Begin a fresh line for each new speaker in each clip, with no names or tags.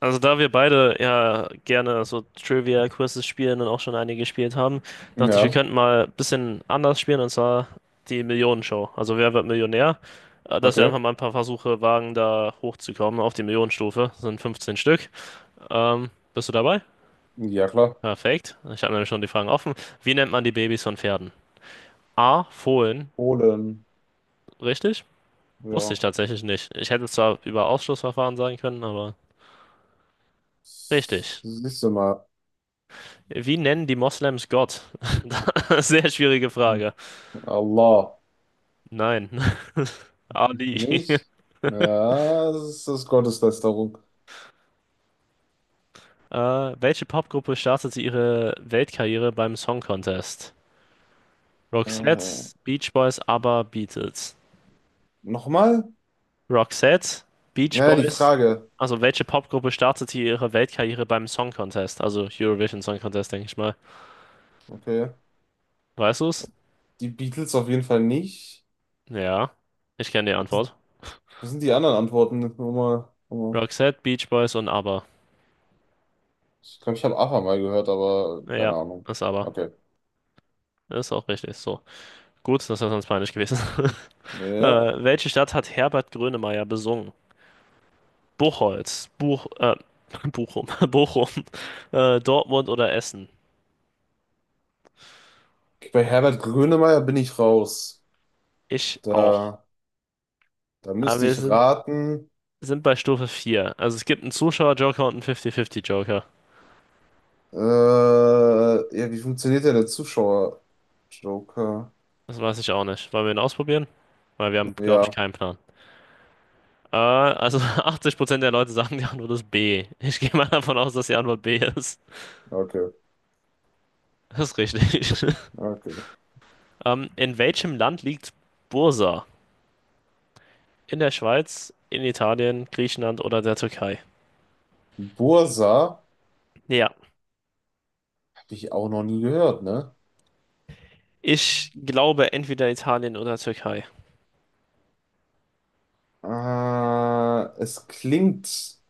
Also da wir beide ja gerne so Trivia-Quizzes spielen und auch schon einige gespielt haben, dachte ich, wir
Ja,
könnten mal ein bisschen anders spielen und zwar die Millionenshow. Also wer wird Millionär? Dass wir
okay.
einfach mal ein paar Versuche wagen, da hochzukommen auf die Millionenstufe. Das sind 15 Stück. Bist du dabei?
Ja, klar.
Perfekt. Ich habe nämlich schon die Fragen offen. Wie nennt man die Babys von Pferden? A. Fohlen.
Polen.
Richtig? Wusste ich
Ja.
tatsächlich nicht. Ich hätte es zwar über Ausschlussverfahren sagen können, aber richtig.
Siehst du mal.
Wie nennen die Moslems Gott? Sehr schwierige Frage.
Allah.
Nein, Ali.
Nicht? Ja, das ist Gotteslästerung.
Äh, welche Popgruppe startete ihre Weltkarriere beim Song Contest?
Äh,
Roxette, Beach Boys, ABBA, Beatles.
nochmal?
Roxette, Beach
Naja, die
Boys.
Frage.
Also welche Popgruppe startete ihre Weltkarriere beim Song Contest? Also Eurovision Song Contest, denke ich mal.
Okay.
Weißt du es?
Die Beatles auf jeden Fall nicht.
Ja, ich kenne die Antwort.
Was sind die anderen Antworten? Nur mal, nur mal.
Roxette, Beach Boys und ABBA.
Ich glaube, ich habe ABBA mal gehört, aber
Ja,
keine Ahnung.
ist ABBA.
Okay.
Ist auch richtig. So. Gut, das wäre sonst peinlich gewesen.
Ja.
Welche Stadt hat Herbert Grönemeyer besungen? Buchholz, Bochum, Bochum, Dortmund oder Essen?
Bei Herbert Grönemeyer bin ich raus.
Ich auch.
Da, da
Aber
müsste
wir
ich
sind,
raten.
sind bei Stufe 4. Also es gibt einen Zuschauer-Joker und einen 50-50-Joker.
Äh, ja, wie funktioniert denn der Zuschauer? Joker.
Das weiß ich auch nicht. Wollen wir ihn ausprobieren? Weil wir haben, glaube ich,
Ja,
keinen Plan. Also 80% der Leute sagen, die Antwort ist B. Ich gehe mal davon aus, dass die Antwort B ist.
okay,
Das ist richtig.
okay.
In welchem Land liegt Bursa? In der Schweiz, in Italien, Griechenland oder der Türkei?
Bursa
Ja,
habe ich auch noch nie gehört, ne?
ich glaube entweder Italien oder Türkei.
Es klingt,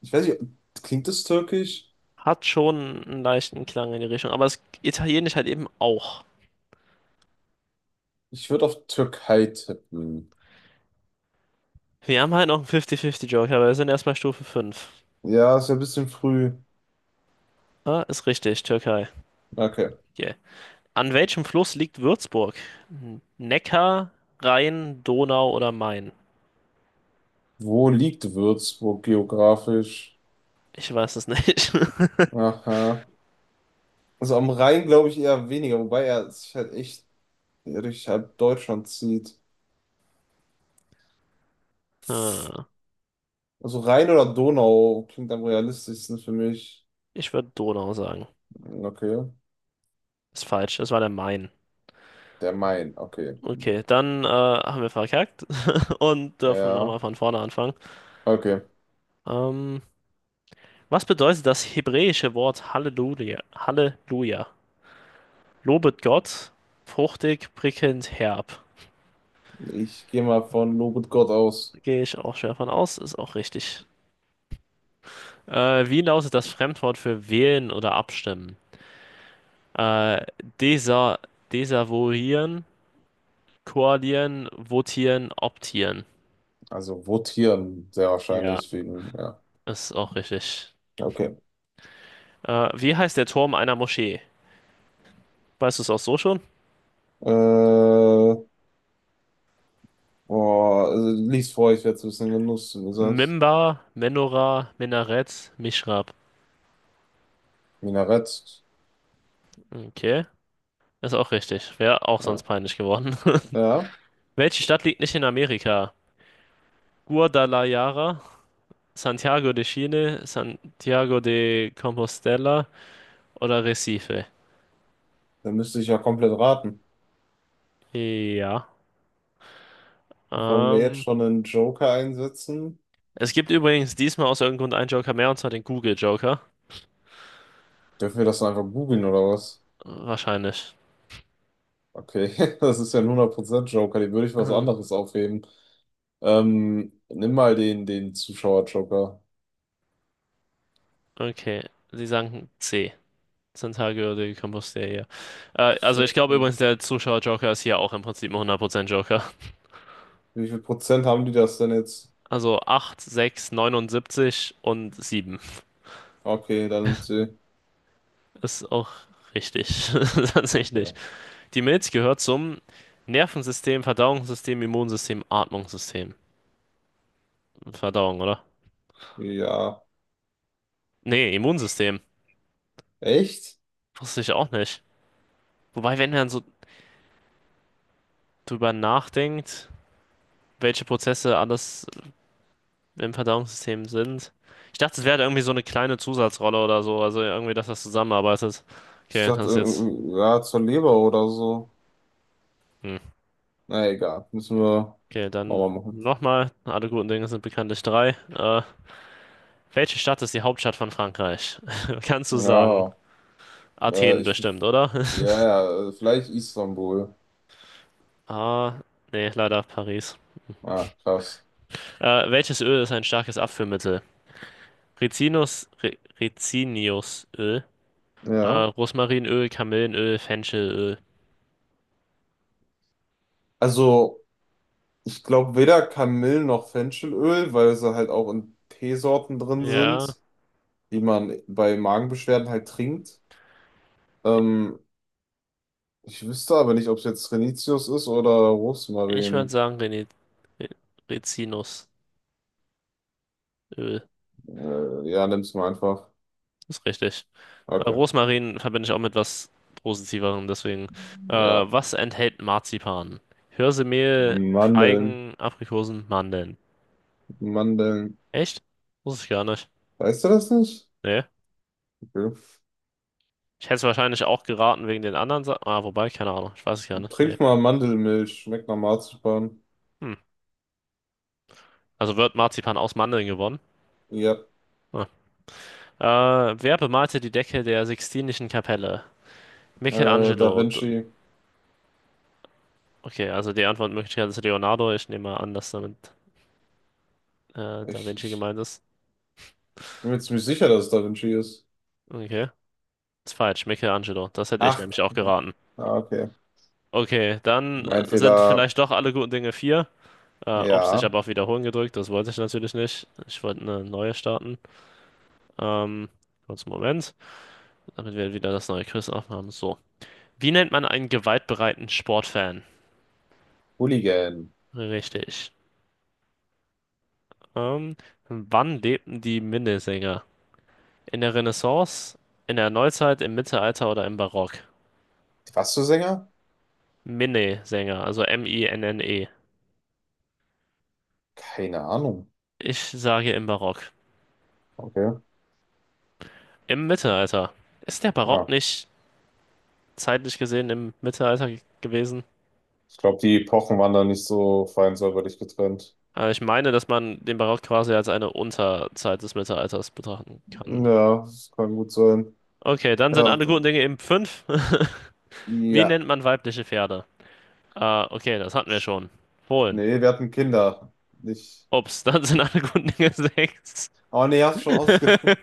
ich weiß nicht, klingt es türkisch?
Hat schon einen leichten Klang in die Richtung, aber das Italienisch halt eben auch.
Ich würde auf Türkei tippen.
Wir haben halt noch einen 50-50-Joker, aber wir sind erstmal Stufe 5.
Ja, ist ja ein bisschen früh.
Ah, ist richtig, Türkei.
Okay.
Yeah. An welchem Fluss liegt Würzburg? Neckar, Rhein, Donau oder Main?
Wo liegt Würzburg geografisch?
Ich weiß es nicht.
Aha. Also am Rhein glaube ich eher weniger, wobei er sich halt echt durch halb Deutschland zieht.
Ah,
Also Rhein oder Donau klingt am realistischsten für mich.
ich würde Donau sagen.
Hm, okay.
Ist falsch, es war der Main.
Der Main, okay.
Okay, dann haben wir verkackt und dürfen
Ja,
nochmal von vorne anfangen.
okay.
Ähm, was bedeutet das hebräische Wort Halleluja? Halleluja. Lobet Gott, fruchtig, prickelnd, herb.
Ich gehe mal von Lobet Gott aus.
Gehe ich auch schwer von aus, ist auch richtig. Wie lautet das Fremdwort für wählen oder abstimmen? Äh, desa desavouieren, koalieren, votieren, optieren.
Also votieren, sehr
Ja,
wahrscheinlich wegen, ja.
ist auch richtig.
Okay.
Wie heißt der Turm einer Moschee? Weißt du es auch so schon?
Äh, boah, also lies vor, ich werde es ein bisschen genutzt, wenn du sagst.
Mimbar, Menorah, Minarett, Mihrab.
Minarett.
Okay, ist auch richtig. Wäre auch
Ja.
sonst peinlich geworden.
Ja,
Welche Stadt liegt nicht in Amerika? Guadalajara, Santiago de Chile, Santiago de Compostela oder Recife?
dann müsste ich ja komplett raten.
Ja.
Wollen wir jetzt
Ähm,
schon einen Joker einsetzen?
es gibt übrigens diesmal aus irgendeinem Grund einen Joker mehr, und zwar den Google Joker.
Dürfen wir das einfach googeln oder was?
Wahrscheinlich.
Okay, das ist ja ein 100% Joker, die würde ich was
Ähm,
anderes aufheben. Nimm mal den Zuschauer-Joker.
okay, Sie sagen C. Santiago de Compostela.
So,
Also
Wie
ich glaube
viel,
übrigens, der Zuschauer Joker ist hier auch im Prinzip ein 100% Joker.
wie viel Prozent haben die das denn jetzt?
Also 8, 6, 79 und 7
Okay, dann nimmt sie.
ist auch richtig. Tatsächlich.
Okay.
Die Milz gehört zum Nervensystem, Verdauungssystem, Immunsystem, Atmungssystem. Verdauung, oder?
Ja.
Nee, Immunsystem.
Echt?
Wusste ich auch nicht. Wobei, wenn man so drüber nachdenkt, welche Prozesse alles im Verdauungssystem sind. Ich dachte, es wäre halt irgendwie so eine kleine Zusatzrolle oder so. Also irgendwie, dass das zusammenarbeitet.
Ich
Okay, das
dachte,
ist jetzt.
ja, zur Leber oder so.
Hm.
Na egal, müssen wir
Okay, dann
nochmal machen.
nochmal. Alle guten Dinge sind bekanntlich drei. Welche Stadt ist die Hauptstadt von Frankreich? Kannst du sagen?
Ja, äh,
Athen
ich,
bestimmt, oder?
ja, ja, vielleicht Istanbul.
Ah, nee, leider Paris.
Ah, krass.
Welches Öl ist ein starkes Abführmittel? Rizinus, Rizinusöl,
Ja.
Rosmarinöl, Kamillenöl, Fenchelöl.
Also, ich glaube weder Kamillen noch Fenchelöl, weil sie halt auch in Teesorten drin
Ja,
sind, die man bei Magenbeschwerden halt trinkt. Ähm, ich wüsste aber nicht, ob es jetzt Renitius ist oder
ich würde
Rosmarin.
sagen Ri- Rizinusöl.
Ja, nimm's mal einfach.
Ist richtig.
Okay.
Rosmarin verbinde ich auch mit was Positiverem, deswegen.
Ja.
Was enthält Marzipan? Hirsemehl,
Mandeln.
Feigen, Aprikosen, Mandeln.
Mandeln.
Echt? Wusste ich gar nicht.
Weißt du das nicht?
Nee.
Okay.
Ich hätte es wahrscheinlich auch geraten wegen den anderen Sachen. Ah, wobei, keine Ahnung. Ich weiß es gar nicht. Nee.
Trink mal Mandelmilch. Schmeckt nach Marzipan.
Hm. Also wird Marzipan aus Mandeln gewonnen.
Ja.
Ah. Wer bemalte die Decke der Sixtinischen Kapelle?
Da
Michelangelo.
Vinci.
Okay, also die Antwortmöglichkeit ist Leonardo. Ich nehme mal an, dass damit Da
Ich,
Vinci
ich
gemeint ist.
bin mir ziemlich sicher, dass es Da Vinci ist.
Okay. Ist falsch. Michelangelo. Das hätte ich
Ach,
nämlich auch geraten.
ah, okay.
Okay, dann
Mein
sind
Fehler.
vielleicht doch alle guten Dinge vier. Ups, ich
Ja.
habe auf Wiederholen gedrückt. Das wollte ich natürlich nicht. Ich wollte eine neue starten. Ähm, kurz einen Moment, damit wir wieder das neue Quiz aufhaben. So. Wie nennt man einen gewaltbereiten Sportfan?
Hooligan.
Richtig. Ähm, wann lebten die Minnesänger? In der Renaissance, in der Neuzeit, im Mittelalter oder im Barock?
Was für Sänger?
Minnesänger, also M-I-N-N-E.
Keine Ahnung.
Ich sage im Barock.
Okay.
Im Mittelalter. Ist der Barock
Ah.
nicht zeitlich gesehen im Mittelalter gewesen?
Ich glaube, die Epochen waren da nicht so fein säuberlich getrennt.
Also ich meine, dass man den Barock quasi als eine Unterzeit des Mittelalters betrachten kann.
Ja, das kann gut sein.
Okay, dann sind
Ja,
alle guten
dann,
Dinge eben fünf. Wie
ja.
nennt man weibliche Pferde? Ah, okay, das hatten wir schon. Fohlen.
Nee, wir hatten Kinder. Nicht.
Ups, dann sind alle guten Dinge sechs.
Aber nee, hast schon ausge.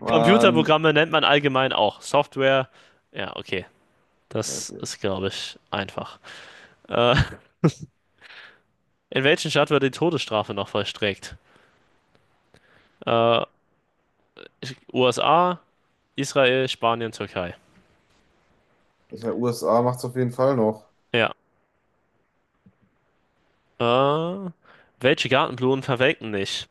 Mann.
Computerprogramme nennt man allgemein auch Software. Ja, okay. Das
Okay.
ist, glaube ich, einfach. Äh, in welchen Staat wird die Todesstrafe noch vollstreckt? Äh, USA, Israel, Spanien, Türkei.
Ja, USA macht's auf jeden Fall noch.
Ja. Äh, welche Gartenblumen verwelken nicht?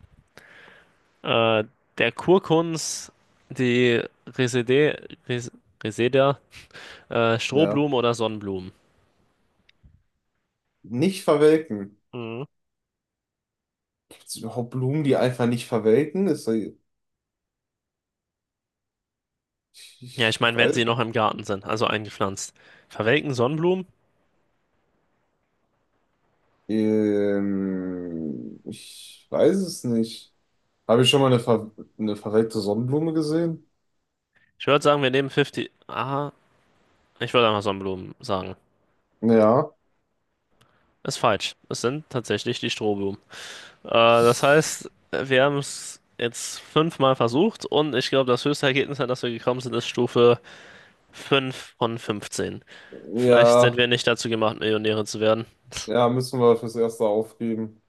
Äh, der Kurkunz, die Resede, Res, Reseda,
Ja.
Strohblumen oder Sonnenblumen.
Nicht verwelken.
Mhm.
Gibt's überhaupt Blumen, die einfach nicht verwelken? Ist da, ich,
Ja, ich
ich
meine, wenn sie
weiß.
noch im Garten sind, also eingepflanzt. Verwelken Sonnenblumen?
Ich weiß es nicht. Habe ich schon mal eine, ver eine verwelkte Sonnenblume gesehen?
Ich würde sagen, wir nehmen 50. Aha, ich würde einfach Sonnenblumen sagen.
Ja.
Ist falsch. Es sind tatsächlich die Strohblumen. Äh, das heißt, wir haben es jetzt fünfmal versucht und ich glaube, das höchste Ergebnis, an das wir gekommen sind, ist Stufe 5 von 15. Vielleicht sind
Ja.
wir nicht dazu gemacht, Millionäre zu werden.
Ja, müssen wir fürs Erste aufgeben.